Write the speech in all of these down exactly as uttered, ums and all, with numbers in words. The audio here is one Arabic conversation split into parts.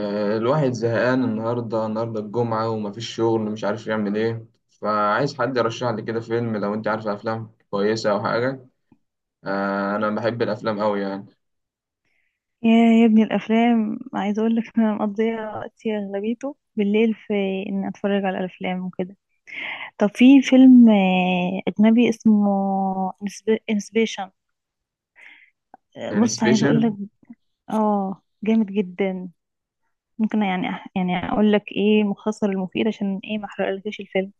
آه، الواحد زهقان النهاردة النهاردة الجمعة ومفيش شغل مش عارف يعمل ايه فعايز حد يرشح لي كده فيلم لو انت عارف افلام كويسة او حاجة. آه، انا بحب الافلام اوي يعني. يا يا ابني، الافلام عايزه اقول لك انا مقضيه وقتي اغلبيته بالليل في ان اتفرج على الافلام وكده. طب في فيلم آه، اجنبي اسمه انسبيشن. يعني بص عايزه اقول لك سبيشال. اه جامد جدا. ممكن يعني أح- يعني اقول لك ايه مختصر المفيد عشان ايه ما احرقلكش الفيلم،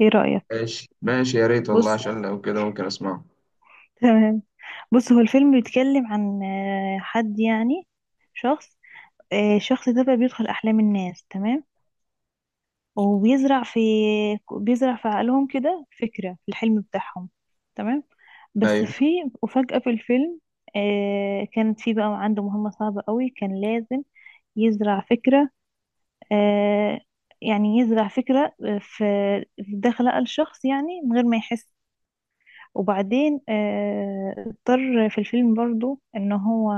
ايه رايك؟ ماشي ماشي يا ريت والله بص، عشان لو كده ممكن اسمعه. تمام. بص هو الفيلم بيتكلم عن آه، حد، يعني شخص. آه، الشخص ده بقى بيدخل احلام الناس، تمام، وبيزرع في بيزرع في عقلهم كده فكرة في الحلم بتاعهم، تمام. بس ايوه، في وفجأة في الفيلم، آه كانت في بقى عنده مهمة صعبة قوي، كان لازم يزرع فكرة، آه يعني يزرع فكرة آه، في في داخل عقل شخص يعني من غير ما يحس. وبعدين آه اضطر في الفيلم برضو ان هو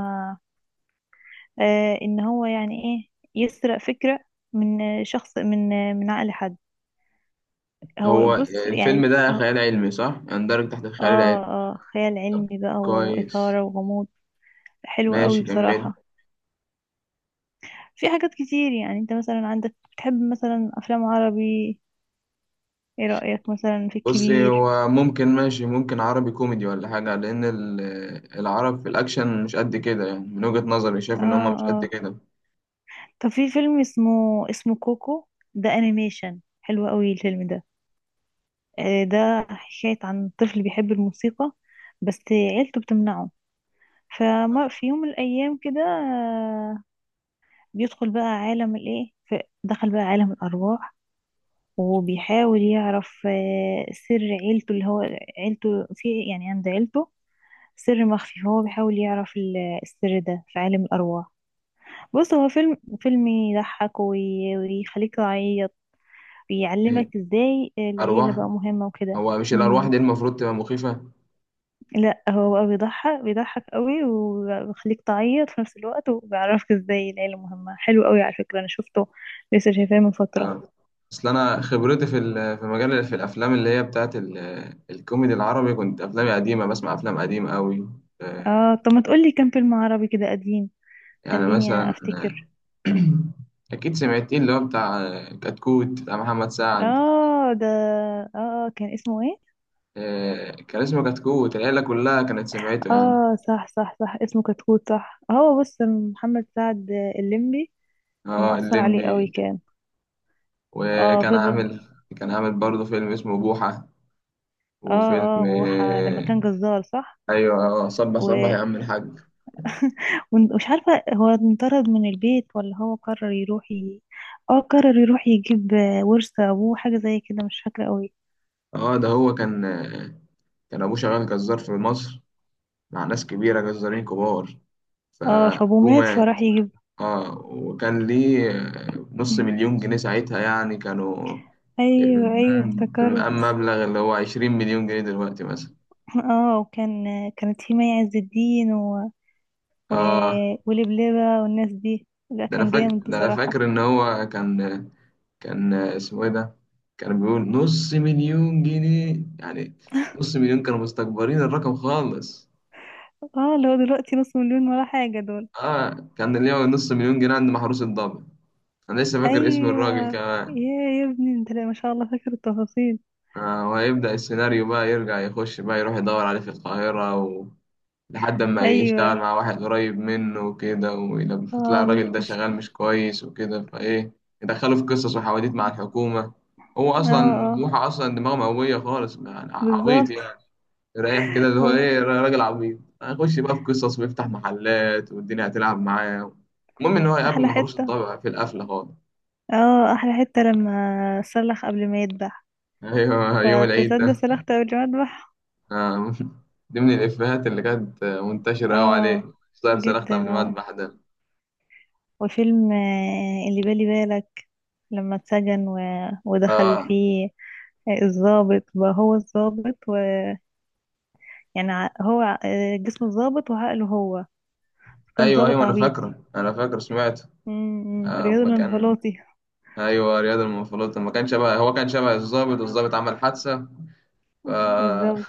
آه ان هو يعني ايه، يسرق فكرة من شخص، من من عقل حد. هو هو بص الفيلم يعني ده آه، خيال علمي صح؟ يندرج تحت الخيال العلمي. اه اه، خيال طب علمي بقى كويس، وإثارة وغموض. حلو قوي ماشي كمل. بصراحة. في حاجات كتير. يعني انت مثلا عندك بتحب مثلا أفلام عربي، ايه رأيك مثلا في بصي الكبير؟ هو ممكن ماشي، ممكن عربي كوميدي ولا حاجة لأن ال- العرب في الأكشن مش قد كده، يعني من وجهة نظري شايف إن هما اه مش قد اه، كده. طب في فيلم اسمه اسمه كوكو. ده انيميشن حلو قوي الفيلم ده. آه، ده حكاية عن طفل بيحب الموسيقى، بس عيلته بتمنعه. فما في يوم من الأيام كده، آه، بيدخل بقى عالم الايه ف- دخل بقى عالم الأرواح، وبيحاول يعرف آه، سر عيلته، اللي هو عيلته في، يعني عند عيلته سر مخفي، فهو بيحاول يعرف ال- السر ده في عالم الأرواح. بص هو فيلم فيلم يضحك وي- ويخليك تعيط، إيه، بيعلمك ازاي العيلة أرواح؟ بقى مهمة وكده. هو مش الأرواح مم. دي المفروض تبقى مخيفة؟ لا، هو بقى بيضحك بيضحك قوي وبيخليك تعيط في نفس الوقت، وبيعرفك ازاي العيلة مهمة. حلو قوي على فكرة، انا شفته لسه، شايفاه من فترة. آه، أصل أنا خبرتي في ال- في مجال في الأفلام اللي هي بتاعت ال- الكوميدي العربي، كنت أفلامي قديمة، بسمع أفلام قديمة أوي. آه، اه، طب ما تقولي كام فيلم عربي كده قديم. يعني خليني مثلا افتكر. أكيد سمعتين اللي هو بتاع آه، كتكوت بتاع محمد سعد. اه ده، اه آه، كان اسمه ايه؟ آه، كان اسمه كتكوت، العيلة كلها كانت سمعته يعني. اه صح صح صح، اسمه كتكوت. صح، هو بص محمد سعد، الليمبي اه مأثر عليه قوي الليمبي. كان. اه، وكان فضل. عامل، كان عامل برضه فيلم اسمه بوحة، وفيلم اه اه، بوحة لما آه، كان جزار، صح. ايوه، اه صبح صبح و- يا عم الحاج. ومش عارفة هو انطرد من البيت ولا هو قرر يروح ي... اه قرر يروح يجيب ورث ابوه، حاجة زي كده، مش فاكرة قوي. اه ده هو كان، آه، كان ابوه شغال جزار في مصر مع ناس كبيرة، جزارين كبار، اه، فابوه فابوه مات فراح مات. يجيب. اه وكان ليه آه، نص مليون جنيه ساعتها، يعني كانوا ايوه ايوه، افتكرت. اما مبلغ، اللي هو عشرين مليون جنيه دلوقتي مثلا. اه، وكان كانت في مي عز الدين و... و... اه ولبلبة والناس دي. لا، ده انا كان فاكر، جامد ده انا بصراحة. فاكر ان هو كان، كان اسمه ايه ده؟ كان بيقول نص مليون جنيه، يعني نص مليون كانوا مستكبرين الرقم خالص. اه، اللي هو دلوقتي نص مليون ولا حاجة دول. اه كان اللي هو نص مليون جنيه عند محروس الضابط، انا لسه فاكر اسم الراجل ايوه، كمان. يا يا ابني انت، لا ما شاء الله، فاكر التفاصيل. آه وهيبدأ السيناريو بقى يرجع يخش بقى يروح يدور عليه في القاهرة و... لحد ما يشتغل ايوه، مع واحد قريب منه وكده، ولما تلاقي اه، الراجل ب- ده بش... شغال مش كويس وكده فايه، يدخله في قصص وحواديت مع الحكومة. هو اه اصلا اه، بوحة اصلا دماغه مقوية خالص يعني، عبيط بالظبط. يعني. رايح كده اللي هو ولا ايه، را- راجل عبيط، هنخش بقى في قصص ويفتح محلات والدنيا هتلعب معاه. المهم ان هو يقابل احلى مهروس حتة. الضبع في القفله خالص. اه، احلى حتة لما سلخ قبل ما يذبح، ايوه يوم العيد فتصدق ده. سلخت قبل ما اذبح. آه، دي من الافيهات اللي كانت منتشره قوي اه، عليه، صار صرخت جدا، قبل ما اه. اذبح ده. وفيلم آه، اللي بالي بالك، لما اتسجن و... ودخل اه فيه الظابط، بقى هو الظابط، ويعني هو آه، جسم الظابط وعقله هو. كان ايوه، ظابط ايوه انا عبيط. فاكره انا فاكر سمعته. امم آه، رياضي اما كان، الانفلاطي. ايوه رياض المنفلوطي، ما كان شبه، هو كان شبه الضابط، والضابط عمل حادثه. ف آه، بالظبط.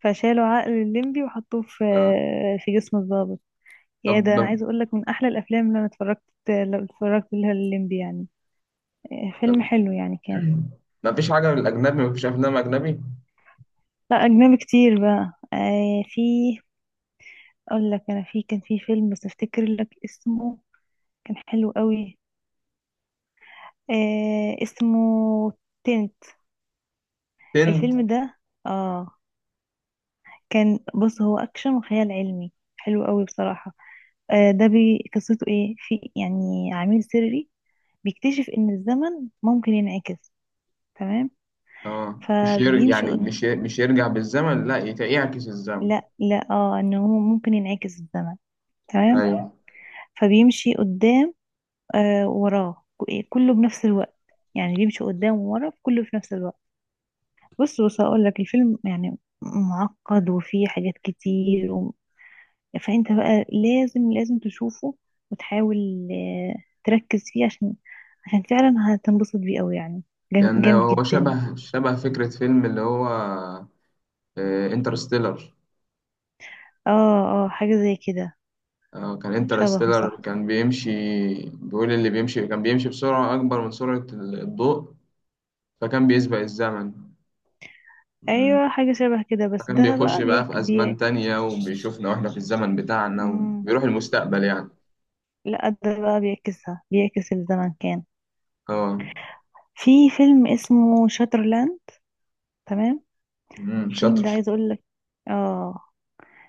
فشالوا عقل الليمبي وحطوه في آه، في جسم الظابط. يا ده انا طب، عايزه اقول لك، من احلى الافلام اللي انا اتفرجت، لو اتفرجت لها الليمبي يعني. آه، طب فيلم حلو يعني كان. ما فيش حاجه من الاجنبي؟ ما فيش افلام اجنبي؟ لا، اجنبي كتير بقى. آه، في اقول لك، انا في كان في فيلم بس افتكر لك اسمه، كان حلو قوي. آه، اسمه تنت، هند. الفيلم ده. اه، كان بص هو اكشن وخيال علمي، حلو قوي بصراحة. آه ده بي قصته ايه، في يعني عميل سري بيكتشف ان الزمن ممكن ينعكس، تمام. اه مش ير... فبيمشي يعني قد... مش ي- مش يرجع بالزمن، لا يت- يعكس الزمن. لا لا، اه، ان هو ممكن ينعكس الزمن، تمام. ايوه فبيمشي قدام آه وراه ك- إيه، كله بنفس الوقت، يعني بيمشي قدام وورا كله في نفس الوقت. بص بص، هقول لك الفيلم يعني معقد وفيه حاجات كتير، فانت بقى لازم لازم تشوفه وتحاول آه، تركز فيه، عشان عشان فعلا هتنبسط بيه قوي يعني، جام- كان جامد هو جدا. شبه شبه فكرة فيلم اللي هو انترستيلر. اه اه، حاجة زي كده، آه كان شبهه انترستيلر صح. كان بيمشي، بيقول اللي بيمشي كان بيمشي بسرعة أكبر من سرعة ال- الضوء، فكان بيسبق الزمن. مم. ايوه، حاجة شبه كده، بس فكان ده بيخش بقى بقى بيك في أزمان بيك. تانية وبيشوفنا وإحنا في الزمن بتاعنا، مم. وبيروح المستقبل يعني. لا، ده بقى بيعكسها، بيعكس الزمن كان. اه. في فيلم اسمه شاترلاند، تمام. مم، الفيلم ده شاطر. عايز اقول لك، اه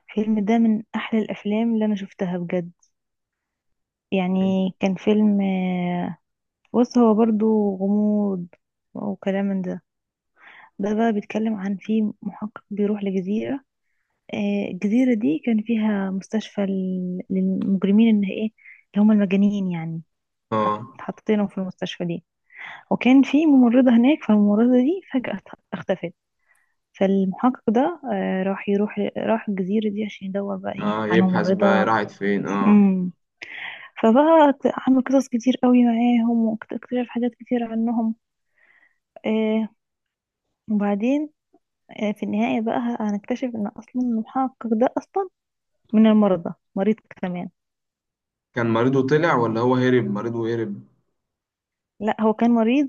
الفيلم ده من احلى الافلام اللي انا شفتها بجد يعني. كان فيلم، آه، بص هو برضو غموض وكلام من ده. ده بقى بيتكلم عن في محقق بيروح لجزيرة، آه، الجزيرة دي كان فيها مستشفى لل- للمجرمين، ان ايه، اللي هم المجانين يعني. حط- اه حطينهم في المستشفى دي، وكان في ممرضة هناك، فالممرضة دي فجأة ات- اختفت. فالمحقق ده آه، راح يروح راح الجزيرة دي عشان يدور بقى ايه اه على يبحث بقى ممرضة. راحت فين. اه فبقى ت- عامل قصص كتير قوي معاهم، واكتشف حاجات كتير عنهم. آه وبعدين آه في النهاية بقى هنكتشف ان اصلا المحقق ده اصلا من المرضى، مريض كمان. كان مريضه طلع، ولا هو هرب؟ مريضه هرب؟ لا، هو كان مريض.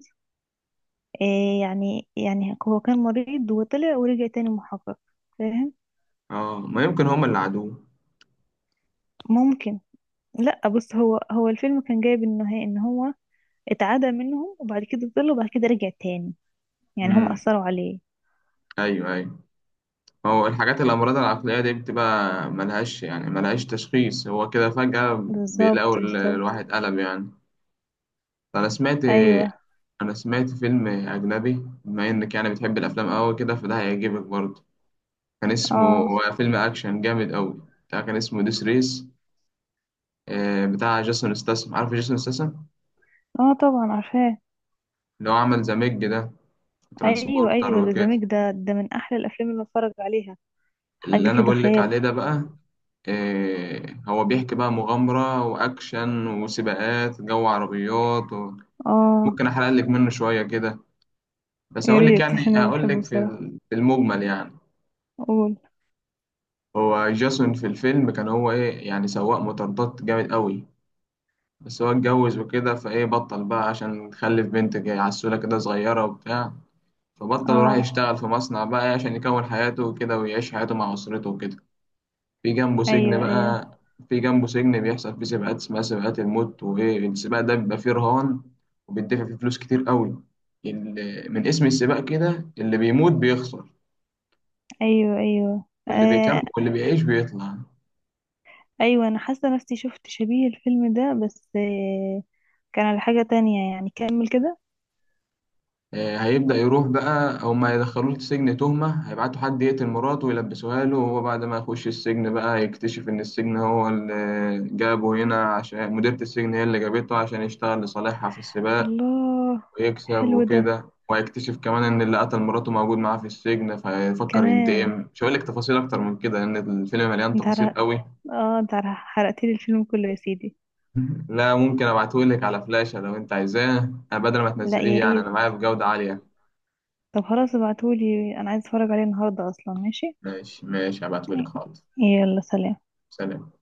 آه يعني يعني هو كان مريض وطلع ورجع تاني محقق، فاهم. اه ما يمكن هما اللي عادوه. ممكن. لا بص، هو هو الفيلم كان جايب النهاية ان هو اتعدى منهم وبعد كده طلع وبعد كده رجع تاني، يعني هم امم اثروا عليه. ايوه ايوه. هو الحاجات الامراض العقليه دي بتبقى ملهاش يعني، ملهاش تشخيص، هو كده فجاه بالظبط بيلاقوا ال- بالظبط. الواحد قلب يعني. انا سمعت، ايوه، انا سمعت فيلم اجنبي بما انك يعني بتحب الافلام قوي كده، فده هيعجبك برضه. كان اسمه، اه هو فيلم اكشن جامد قوي، بتاع، كان اسمه ديس ريس، بتاع جيسون ستاثام، عارف جيسون ستاثام؟ اه، طبعا عارفاه. اللي هو عمل ذا ميج ده، ايوه ترانسبورتر ايوه، ده وكده. زميك ده. ده من احلى الافلام اللي بتفرج عليها، اللي حاجه انا كده بقول لك خيال. عليه ده بقى إيه؟ هو بيحكي بقى مغامرة واكشن وسباقات جو، عربيات و... اه ممكن احرق لك منه شوية كده، بس يا اقول لك ريت، يعني، عشان انا اقول بحبه لك في بصراحه. ال- في المجمل يعني. قول. هو جاسون في الفيلم كان هو ايه يعني، سواق مطاردات جامد قوي، بس هو اتجوز وكده فايه، بطل بقى عشان خلف بنت جاي عسولة كده صغيرة وبتاع، فبطل وراح اه، يشتغل في مصنع بقى عشان يكون حياته وكده، ويعيش حياته مع أسرته وكده. في جنبه سجن ايوه ايوه بقى، في جنبه سجن بيحصل فيه سباقات، اسمها سباقات الموت، وايه السباق ده بيبقى فيه رهان وبيدفع فيه فلوس كتير قوي، اللي من اسم السباق كده، اللي بيموت بيخسر ايوه ايوه واللي بيكمل آه واللي بيعيش بيطلع. ايوه. انا حاسه نفسي شفت شبيه الفيلم ده، بس آه كان على حاجه تانية يعني. كمل كده. آه، هيبدأ يروح بقى، هما هيدخلوه السجن تهمة، هيبعتوا حد يقتل مراته ويلبسوها له، وهو بعد ما يخش السجن بقى يكتشف إن السجن هو اللي جابه هنا، عشان مديرة السجن هي اللي جابته عشان يشتغل لصالحها في السباق الله. ويكسب حلو ده وكده. وهيكتشف كمان ان اللي قتل مراته موجود معاه في السجن، فيفكر كمان. ينتقم. مش هقول لك تفاصيل اكتر من كده لان الفيلم مليان انت تفاصيل عرق... قوي. اه انت حرقت لي الفيلم كله يا سيدي. لا ممكن ابعته لك على فلاشة لو انت عايزاه، أنا بدل ما لا تنزليه يا يعني، انا ريت. معايا بجودة عالية. طب خلاص، ابعتولي، انا عايز اتفرج عليه النهارده اصلا، ماشي. ماشي ماشي هبعته لك، حاضر. يلا سلام. سلام.